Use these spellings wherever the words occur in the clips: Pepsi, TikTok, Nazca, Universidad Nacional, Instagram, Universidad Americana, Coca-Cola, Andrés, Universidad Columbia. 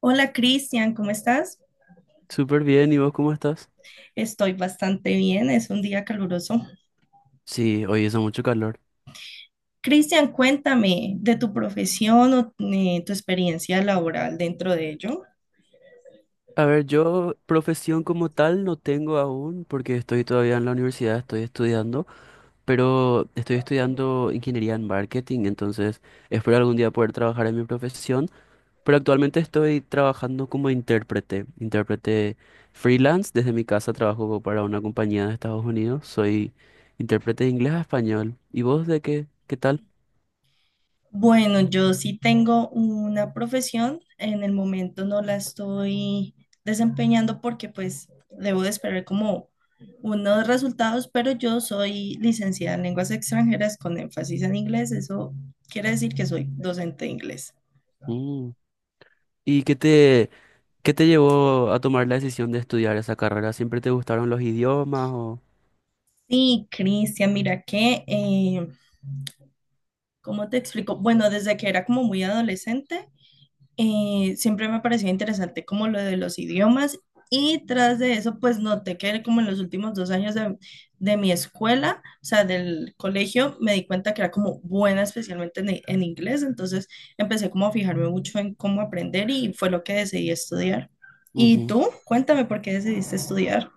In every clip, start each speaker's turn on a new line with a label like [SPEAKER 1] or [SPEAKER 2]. [SPEAKER 1] Hola Cristian, ¿cómo estás?
[SPEAKER 2] Súper bien, ¿y vos cómo estás?
[SPEAKER 1] Estoy bastante bien, es un día caluroso.
[SPEAKER 2] Sí, hoy hizo mucho calor.
[SPEAKER 1] Cristian, cuéntame de tu profesión o tu experiencia laboral dentro de ello.
[SPEAKER 2] A ver, yo profesión como tal no tengo aún porque estoy todavía en la universidad, estoy estudiando, pero estoy estudiando ingeniería en marketing, entonces espero algún día poder trabajar en mi profesión, pero actualmente estoy trabajando como intérprete freelance, desde mi casa trabajo para una compañía de Estados Unidos, soy intérprete de inglés a español. ¿Y vos de qué? ¿Qué tal?
[SPEAKER 1] Bueno, yo sí tengo una profesión, en el momento no la estoy desempeñando porque pues debo de esperar como unos resultados, pero yo soy licenciada en lenguas extranjeras con énfasis en inglés, eso quiere decir que soy docente de inglés.
[SPEAKER 2] Mm. ¿Y qué te, ¿Qué te llevó a tomar la decisión de estudiar esa carrera? ¿Siempre te gustaron los idiomas o...?
[SPEAKER 1] Sí, Cristian, mira que... ¿cómo te explico? Bueno, desde que era como muy adolescente, siempre me pareció interesante como lo de los idiomas, y tras de eso, pues noté que como en los últimos dos años de mi escuela, o sea, del colegio, me di cuenta que era como buena especialmente en inglés, entonces empecé como a fijarme mucho en cómo aprender y fue lo que decidí estudiar. ¿Y
[SPEAKER 2] Ujú.
[SPEAKER 1] tú? Cuéntame por qué decidiste estudiar.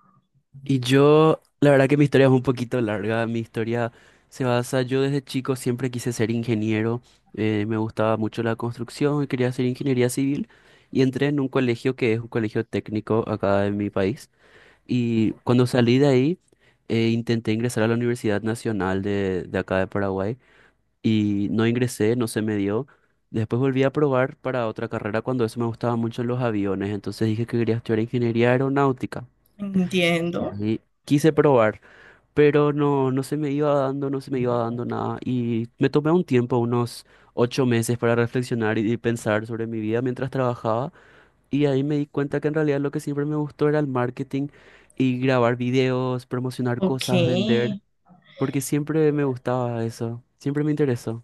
[SPEAKER 2] Y yo, la verdad que mi historia es un poquito larga. Mi historia se basa, yo desde chico siempre quise ser ingeniero. Me gustaba mucho la construcción y quería hacer ingeniería civil. Y entré en un colegio que es un colegio técnico acá en mi país. Y cuando salí de ahí, intenté ingresar a la Universidad Nacional de acá de Paraguay. Y no ingresé, no se me dio. Después volví a probar para otra carrera cuando eso me gustaba mucho los aviones, entonces dije que quería estudiar ingeniería aeronáutica
[SPEAKER 1] Entiendo.
[SPEAKER 2] y ahí quise probar, pero no, no se me iba dando, no se me iba dando nada y me tomé un tiempo, unos 8 meses para reflexionar y pensar sobre mi vida mientras trabajaba y ahí me di cuenta que en realidad lo que siempre me gustó era el marketing y grabar videos, promocionar
[SPEAKER 1] Ok.
[SPEAKER 2] cosas, vender, porque siempre me gustaba eso, siempre me interesó.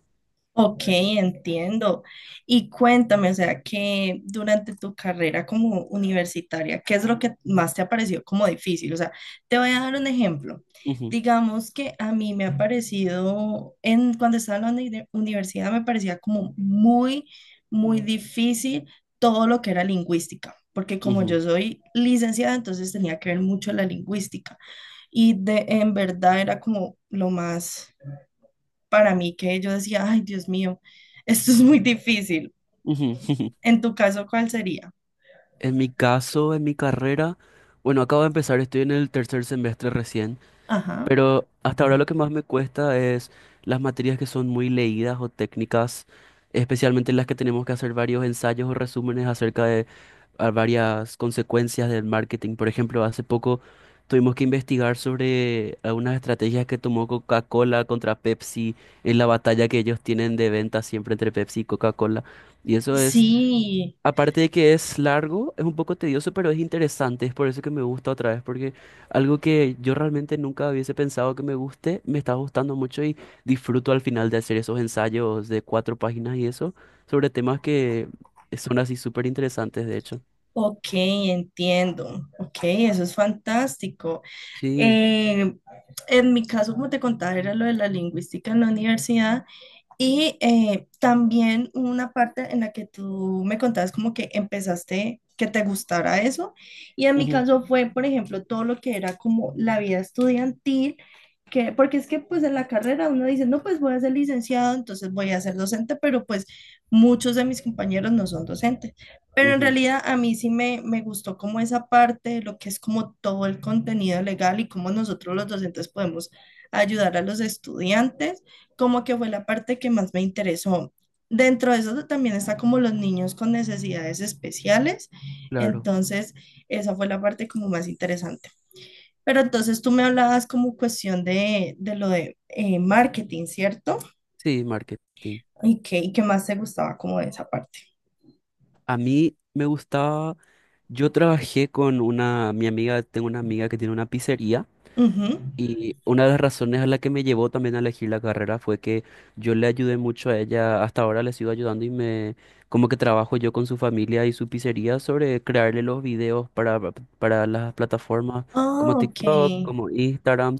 [SPEAKER 1] Ok, entiendo. Y cuéntame, o sea, que durante tu carrera como universitaria, ¿qué es lo que más te ha parecido como difícil? O sea, te voy a dar un ejemplo.
[SPEAKER 2] Ujú,
[SPEAKER 1] Digamos que a mí me ha parecido, en, cuando estaba en la universidad, me parecía como muy, muy difícil todo lo que era lingüística, porque como yo
[SPEAKER 2] ujú.
[SPEAKER 1] soy licenciada, entonces tenía que ver mucho la lingüística. Y de, en verdad era como lo más para mí que yo decía, ay, Dios mío, esto es muy difícil.
[SPEAKER 2] Ujú.
[SPEAKER 1] En tu caso, ¿cuál sería?
[SPEAKER 2] En mi caso, en mi carrera, bueno, acabo de empezar, estoy en el tercer semestre recién,
[SPEAKER 1] Ajá.
[SPEAKER 2] pero hasta ahora lo que más me cuesta es las materias que son muy leídas o técnicas, especialmente las que tenemos que hacer varios ensayos o resúmenes acerca de a varias consecuencias del marketing. Por ejemplo, hace poco tuvimos que investigar sobre algunas estrategias que tomó Coca-Cola contra Pepsi en la batalla que ellos tienen de venta siempre entre Pepsi y Coca-Cola. Y eso es
[SPEAKER 1] Sí,
[SPEAKER 2] Aparte de que es largo, es un poco tedioso, pero es interesante. Es por eso que me gusta otra vez, porque algo que yo realmente nunca hubiese pensado que me guste, me está gustando mucho y disfruto al final de hacer esos ensayos de cuatro páginas y eso, sobre temas que son así súper interesantes, de hecho.
[SPEAKER 1] ok, entiendo. Ok, eso es fantástico.
[SPEAKER 2] Sí,
[SPEAKER 1] Eh, en mi caso, como te contaba, era lo de la lingüística en la universidad. Y también hubo una parte en la que tú me contabas como que empezaste que te gustara eso. Y en mi
[SPEAKER 2] ujú,
[SPEAKER 1] caso fue, por ejemplo, todo lo que era como la vida estudiantil, que, porque es que pues en la carrera uno dice, no, pues voy a ser licenciado, entonces voy a ser docente, pero pues muchos de mis compañeros no son docentes. Pero en
[SPEAKER 2] ujú,
[SPEAKER 1] realidad a mí sí me gustó como esa parte, lo que es como todo el contenido legal y cómo nosotros los docentes podemos ayudar a los estudiantes, como que fue la parte que más me interesó. Dentro de eso también está como los niños con necesidades especiales,
[SPEAKER 2] claro.
[SPEAKER 1] entonces esa fue la parte como más interesante. Pero entonces tú me hablabas como cuestión de lo de marketing, ¿cierto?
[SPEAKER 2] Sí, marketing.
[SPEAKER 1] Y qué más te gustaba como de esa parte?
[SPEAKER 2] A mí me gustaba, yo trabajé con mi amiga, tengo una amiga que tiene una pizzería.
[SPEAKER 1] Ujú.
[SPEAKER 2] Y una de las razones a la que me llevó también a elegir la carrera fue que yo le ayudé mucho a ella, hasta ahora le sigo ayudando y me como que trabajo yo con su familia y su pizzería sobre crearle los videos para las plataformas como
[SPEAKER 1] Ah, ok,
[SPEAKER 2] TikTok, como Instagram,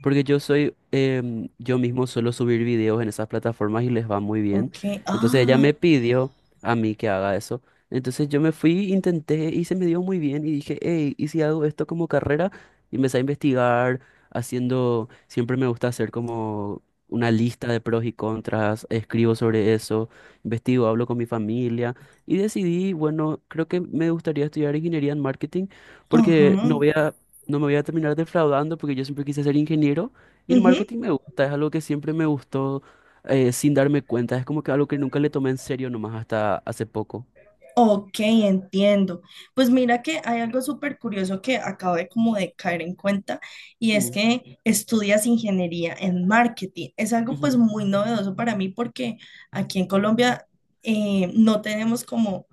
[SPEAKER 2] porque yo mismo suelo subir videos en esas plataformas y les va muy bien.
[SPEAKER 1] ok,
[SPEAKER 2] Entonces ella
[SPEAKER 1] ah,
[SPEAKER 2] me pidió a mí que haga eso. Entonces yo me fui, intenté y se me dio muy bien y dije, hey, ¿y si hago esto como carrera? Y empecé a investigar haciendo, siempre me gusta hacer como una lista de pros y contras, escribo sobre eso, investigo, hablo con mi familia y decidí, bueno, creo que me gustaría estudiar ingeniería en marketing porque
[SPEAKER 1] ajá,
[SPEAKER 2] no voy a, no me voy a terminar defraudando porque yo siempre quise ser ingeniero y el
[SPEAKER 1] ujú.
[SPEAKER 2] marketing me gusta, es algo que siempre me gustó sin darme cuenta, es como que algo que nunca le tomé en serio nomás hasta hace poco.
[SPEAKER 1] Ok, entiendo. Pues mira que hay algo súper curioso que acabo de como de caer en cuenta, y es
[SPEAKER 2] Mm,
[SPEAKER 1] que estudias ingeniería en marketing. Es algo pues
[SPEAKER 2] ujú.
[SPEAKER 1] muy novedoso para mí porque aquí en Colombia no tenemos como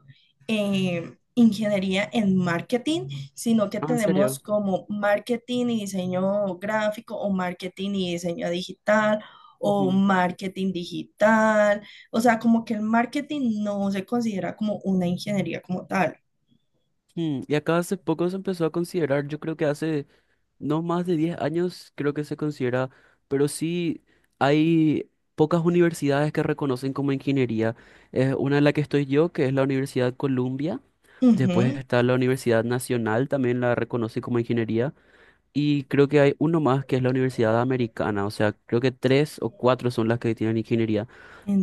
[SPEAKER 1] ingeniería en marketing, sino que
[SPEAKER 2] Ah, ¿en
[SPEAKER 1] tenemos
[SPEAKER 2] serio?
[SPEAKER 1] como marketing y diseño gráfico, o marketing y diseño digital, o
[SPEAKER 2] Ujú.
[SPEAKER 1] marketing digital. O sea, como que el marketing no se considera como una ingeniería como tal.
[SPEAKER 2] Y acá hace poco se empezó a considerar, yo creo que hace no más de 10 años creo que se considera, pero sí hay pocas universidades que reconocen como ingeniería. Es una de la que estoy yo, que es la Universidad Columbia. Después
[SPEAKER 1] Ujú,
[SPEAKER 2] está la Universidad Nacional, también la reconoce como ingeniería. Y creo que hay uno más que es la Universidad Americana. O sea, creo que tres o cuatro son las que tienen ingeniería.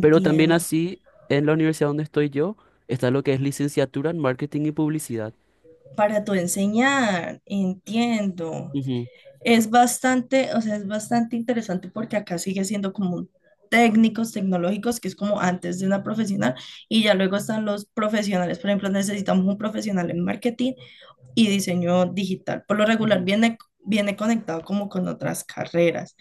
[SPEAKER 2] Pero también así, en la universidad donde estoy yo, está lo que es licenciatura en marketing y publicidad.
[SPEAKER 1] Para tu enseñar, entiendo.
[SPEAKER 2] Ujú,
[SPEAKER 1] Es bastante, o sea, es bastante interesante porque acá sigue siendo como técnicos tecnológicos, que es como antes de una profesional, y ya luego están los profesionales. Por ejemplo, necesitamos un profesional en marketing y diseño digital. Por lo regular
[SPEAKER 2] ujú,
[SPEAKER 1] viene, viene conectado como con otras carreras.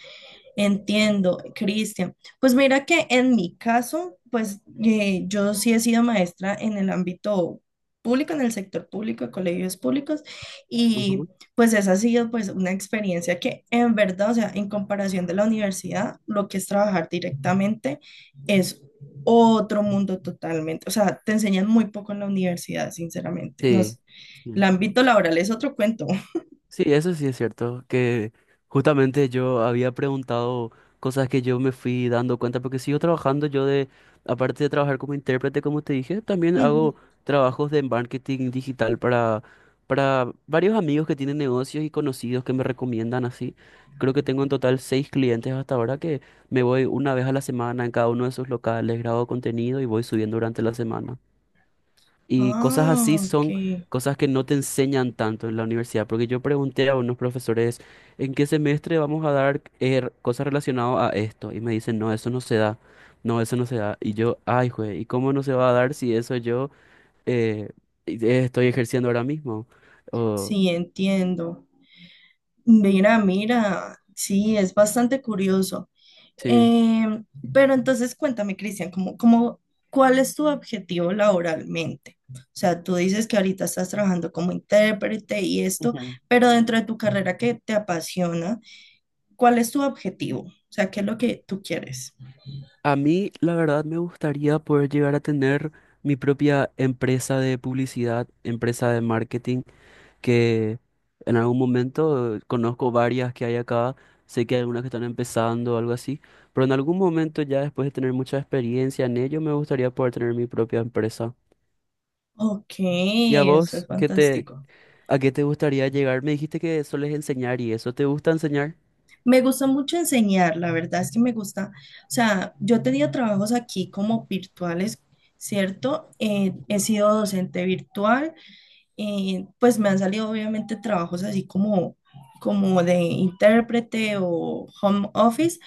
[SPEAKER 1] Entiendo, Cristian. Pues mira que en mi caso, pues yo sí he sido maestra en el ámbito público, en el sector público, de colegios públicos, y
[SPEAKER 2] ujú.
[SPEAKER 1] pues esa ha sido pues una experiencia que en verdad, o sea, en comparación de la universidad, lo que es trabajar directamente es otro mundo totalmente. O sea, te enseñan muy poco en la universidad, sinceramente. Nos, el
[SPEAKER 2] Sí.
[SPEAKER 1] ámbito laboral es otro cuento.
[SPEAKER 2] Sí, eso sí es cierto, que justamente yo había preguntado cosas que yo me fui dando cuenta, porque sigo trabajando aparte de trabajar como intérprete, como te dije, también
[SPEAKER 1] Ujú.
[SPEAKER 2] hago trabajos de marketing digital para varios amigos que tienen negocios y conocidos que me recomiendan así. Creo que tengo en total seis clientes hasta ahora que me voy una vez a la semana en cada uno de sus locales, grabo contenido y voy subiendo durante la semana. Y cosas
[SPEAKER 1] Ah,
[SPEAKER 2] así
[SPEAKER 1] ok.
[SPEAKER 2] son cosas que no te enseñan tanto en la universidad, porque yo pregunté a unos profesores, ¿en qué semestre vamos a dar cosas relacionadas a esto? Y me dicen, no, eso no se da, no, eso no se da. Y yo, ay, güey, ¿y cómo no se va a dar si eso yo eh, estoy ejerciendo ahora mismo? O,
[SPEAKER 1] Sí, entiendo. Mira, mira. Sí, es bastante curioso.
[SPEAKER 2] sí.
[SPEAKER 1] Eh, pero entonces cuéntame, Cristian, ¿cómo, cómo, cuál es tu objetivo laboralmente? O sea, tú dices que ahorita estás trabajando como intérprete y esto,
[SPEAKER 2] Ujú.
[SPEAKER 1] pero dentro de tu carrera que te apasiona, ¿cuál es tu objetivo? O sea, ¿qué es lo que tú quieres?
[SPEAKER 2] A mí, la verdad, me gustaría poder llegar a tener mi propia empresa de publicidad, empresa de marketing que en algún momento conozco varias que hay acá, sé que hay algunas que están empezando o algo así, pero en algún momento ya después de tener mucha experiencia en ello, me gustaría poder tener mi propia empresa.
[SPEAKER 1] Ok,
[SPEAKER 2] ¿Y a
[SPEAKER 1] eso es
[SPEAKER 2] vos
[SPEAKER 1] fantástico.
[SPEAKER 2] a qué te gustaría llegar? Me dijiste que sueles enseñar y eso, ¿te gusta enseñar?
[SPEAKER 1] Me gusta mucho enseñar, la verdad es que me gusta, o sea, yo tenía trabajos aquí como virtuales, ¿cierto? He
[SPEAKER 2] Ujú,
[SPEAKER 1] sido docente virtual, pues me han salido obviamente trabajos así como, como de intérprete o home office,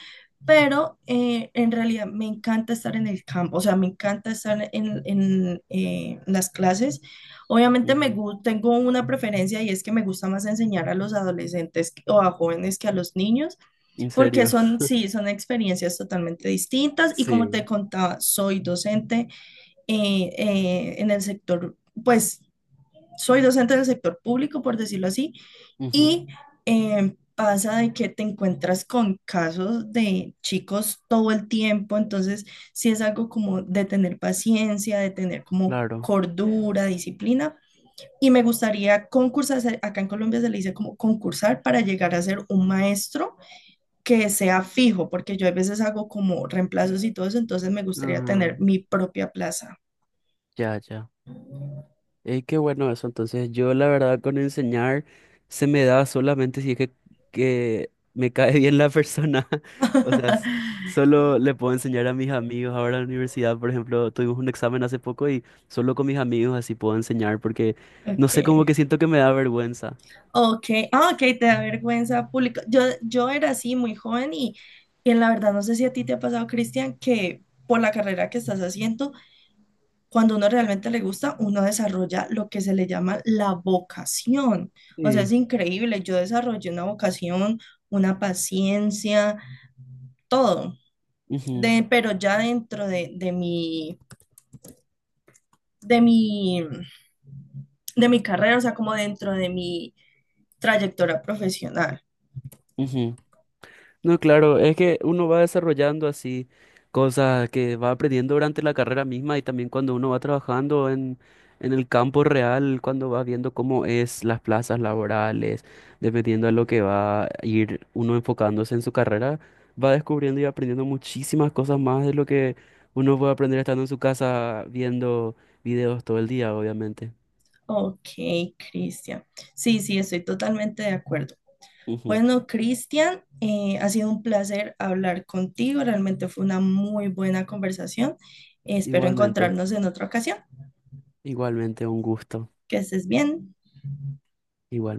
[SPEAKER 1] pero en realidad me encanta estar en el campo, o sea, me encanta estar en, las clases. Obviamente
[SPEAKER 2] ujú.
[SPEAKER 1] tengo una preferencia y es que me gusta más enseñar a los adolescentes o a jóvenes que a los niños,
[SPEAKER 2] ¿En
[SPEAKER 1] porque
[SPEAKER 2] serio?
[SPEAKER 1] son, sí, son experiencias totalmente distintas y como te
[SPEAKER 2] Sí.
[SPEAKER 1] contaba, soy docente en el sector, pues soy docente del sector público, por decirlo así,
[SPEAKER 2] Ujú,
[SPEAKER 1] y pasa de que te encuentras con casos de chicos todo el tiempo, entonces sí es algo como de tener paciencia, de tener como
[SPEAKER 2] claro.
[SPEAKER 1] cordura, disciplina. Y me gustaría concursar, acá en Colombia se le dice como concursar para llegar a ser un maestro que sea fijo, porque yo a veces hago como reemplazos y todo eso, entonces me gustaría tener
[SPEAKER 2] Mm,
[SPEAKER 1] mi propia plaza.
[SPEAKER 2] ya, ya. Qué bueno eso. Entonces, yo la verdad con enseñar se me da solamente si es que me cae bien la persona. O sea, solo le puedo enseñar a mis amigos. Ahora en la universidad, por ejemplo, tuvimos un examen hace poco y solo con mis amigos así puedo enseñar porque no sé, como
[SPEAKER 1] Ok.
[SPEAKER 2] que siento que me da vergüenza.
[SPEAKER 1] Ok, ah, ok, te da vergüenza pública. Yo era así muy joven y en la verdad no sé si a ti te ha pasado, Cristian, que por la carrera que estás haciendo, cuando uno realmente le gusta, uno desarrolla lo que se le llama la vocación. O sea, es
[SPEAKER 2] Sí.
[SPEAKER 1] increíble. Yo desarrollé una vocación, una paciencia, todo.
[SPEAKER 2] Ujú,
[SPEAKER 1] De, pero ya dentro de mi, de mi carrera, o sea, como dentro de mi trayectoria profesional.
[SPEAKER 2] ujú. No, claro, es que uno va desarrollando así cosas que va aprendiendo durante la carrera misma y también cuando uno va trabajando en el campo real, cuando va viendo cómo es las plazas laborales, dependiendo de lo que va a ir uno enfocándose en su carrera, va descubriendo y aprendiendo muchísimas cosas más de lo que uno puede aprender estando en su casa viendo videos todo el día, obviamente.
[SPEAKER 1] Ok, Cristian. Sí, sí, estoy totalmente de acuerdo.
[SPEAKER 2] Ujú.
[SPEAKER 1] Bueno, Cristian, ha sido un placer hablar contigo. Realmente fue una muy buena conversación. Espero
[SPEAKER 2] Igualmente,
[SPEAKER 1] encontrarnos en otra ocasión.
[SPEAKER 2] igualmente, un gusto.
[SPEAKER 1] Que estés bien.
[SPEAKER 2] Igual.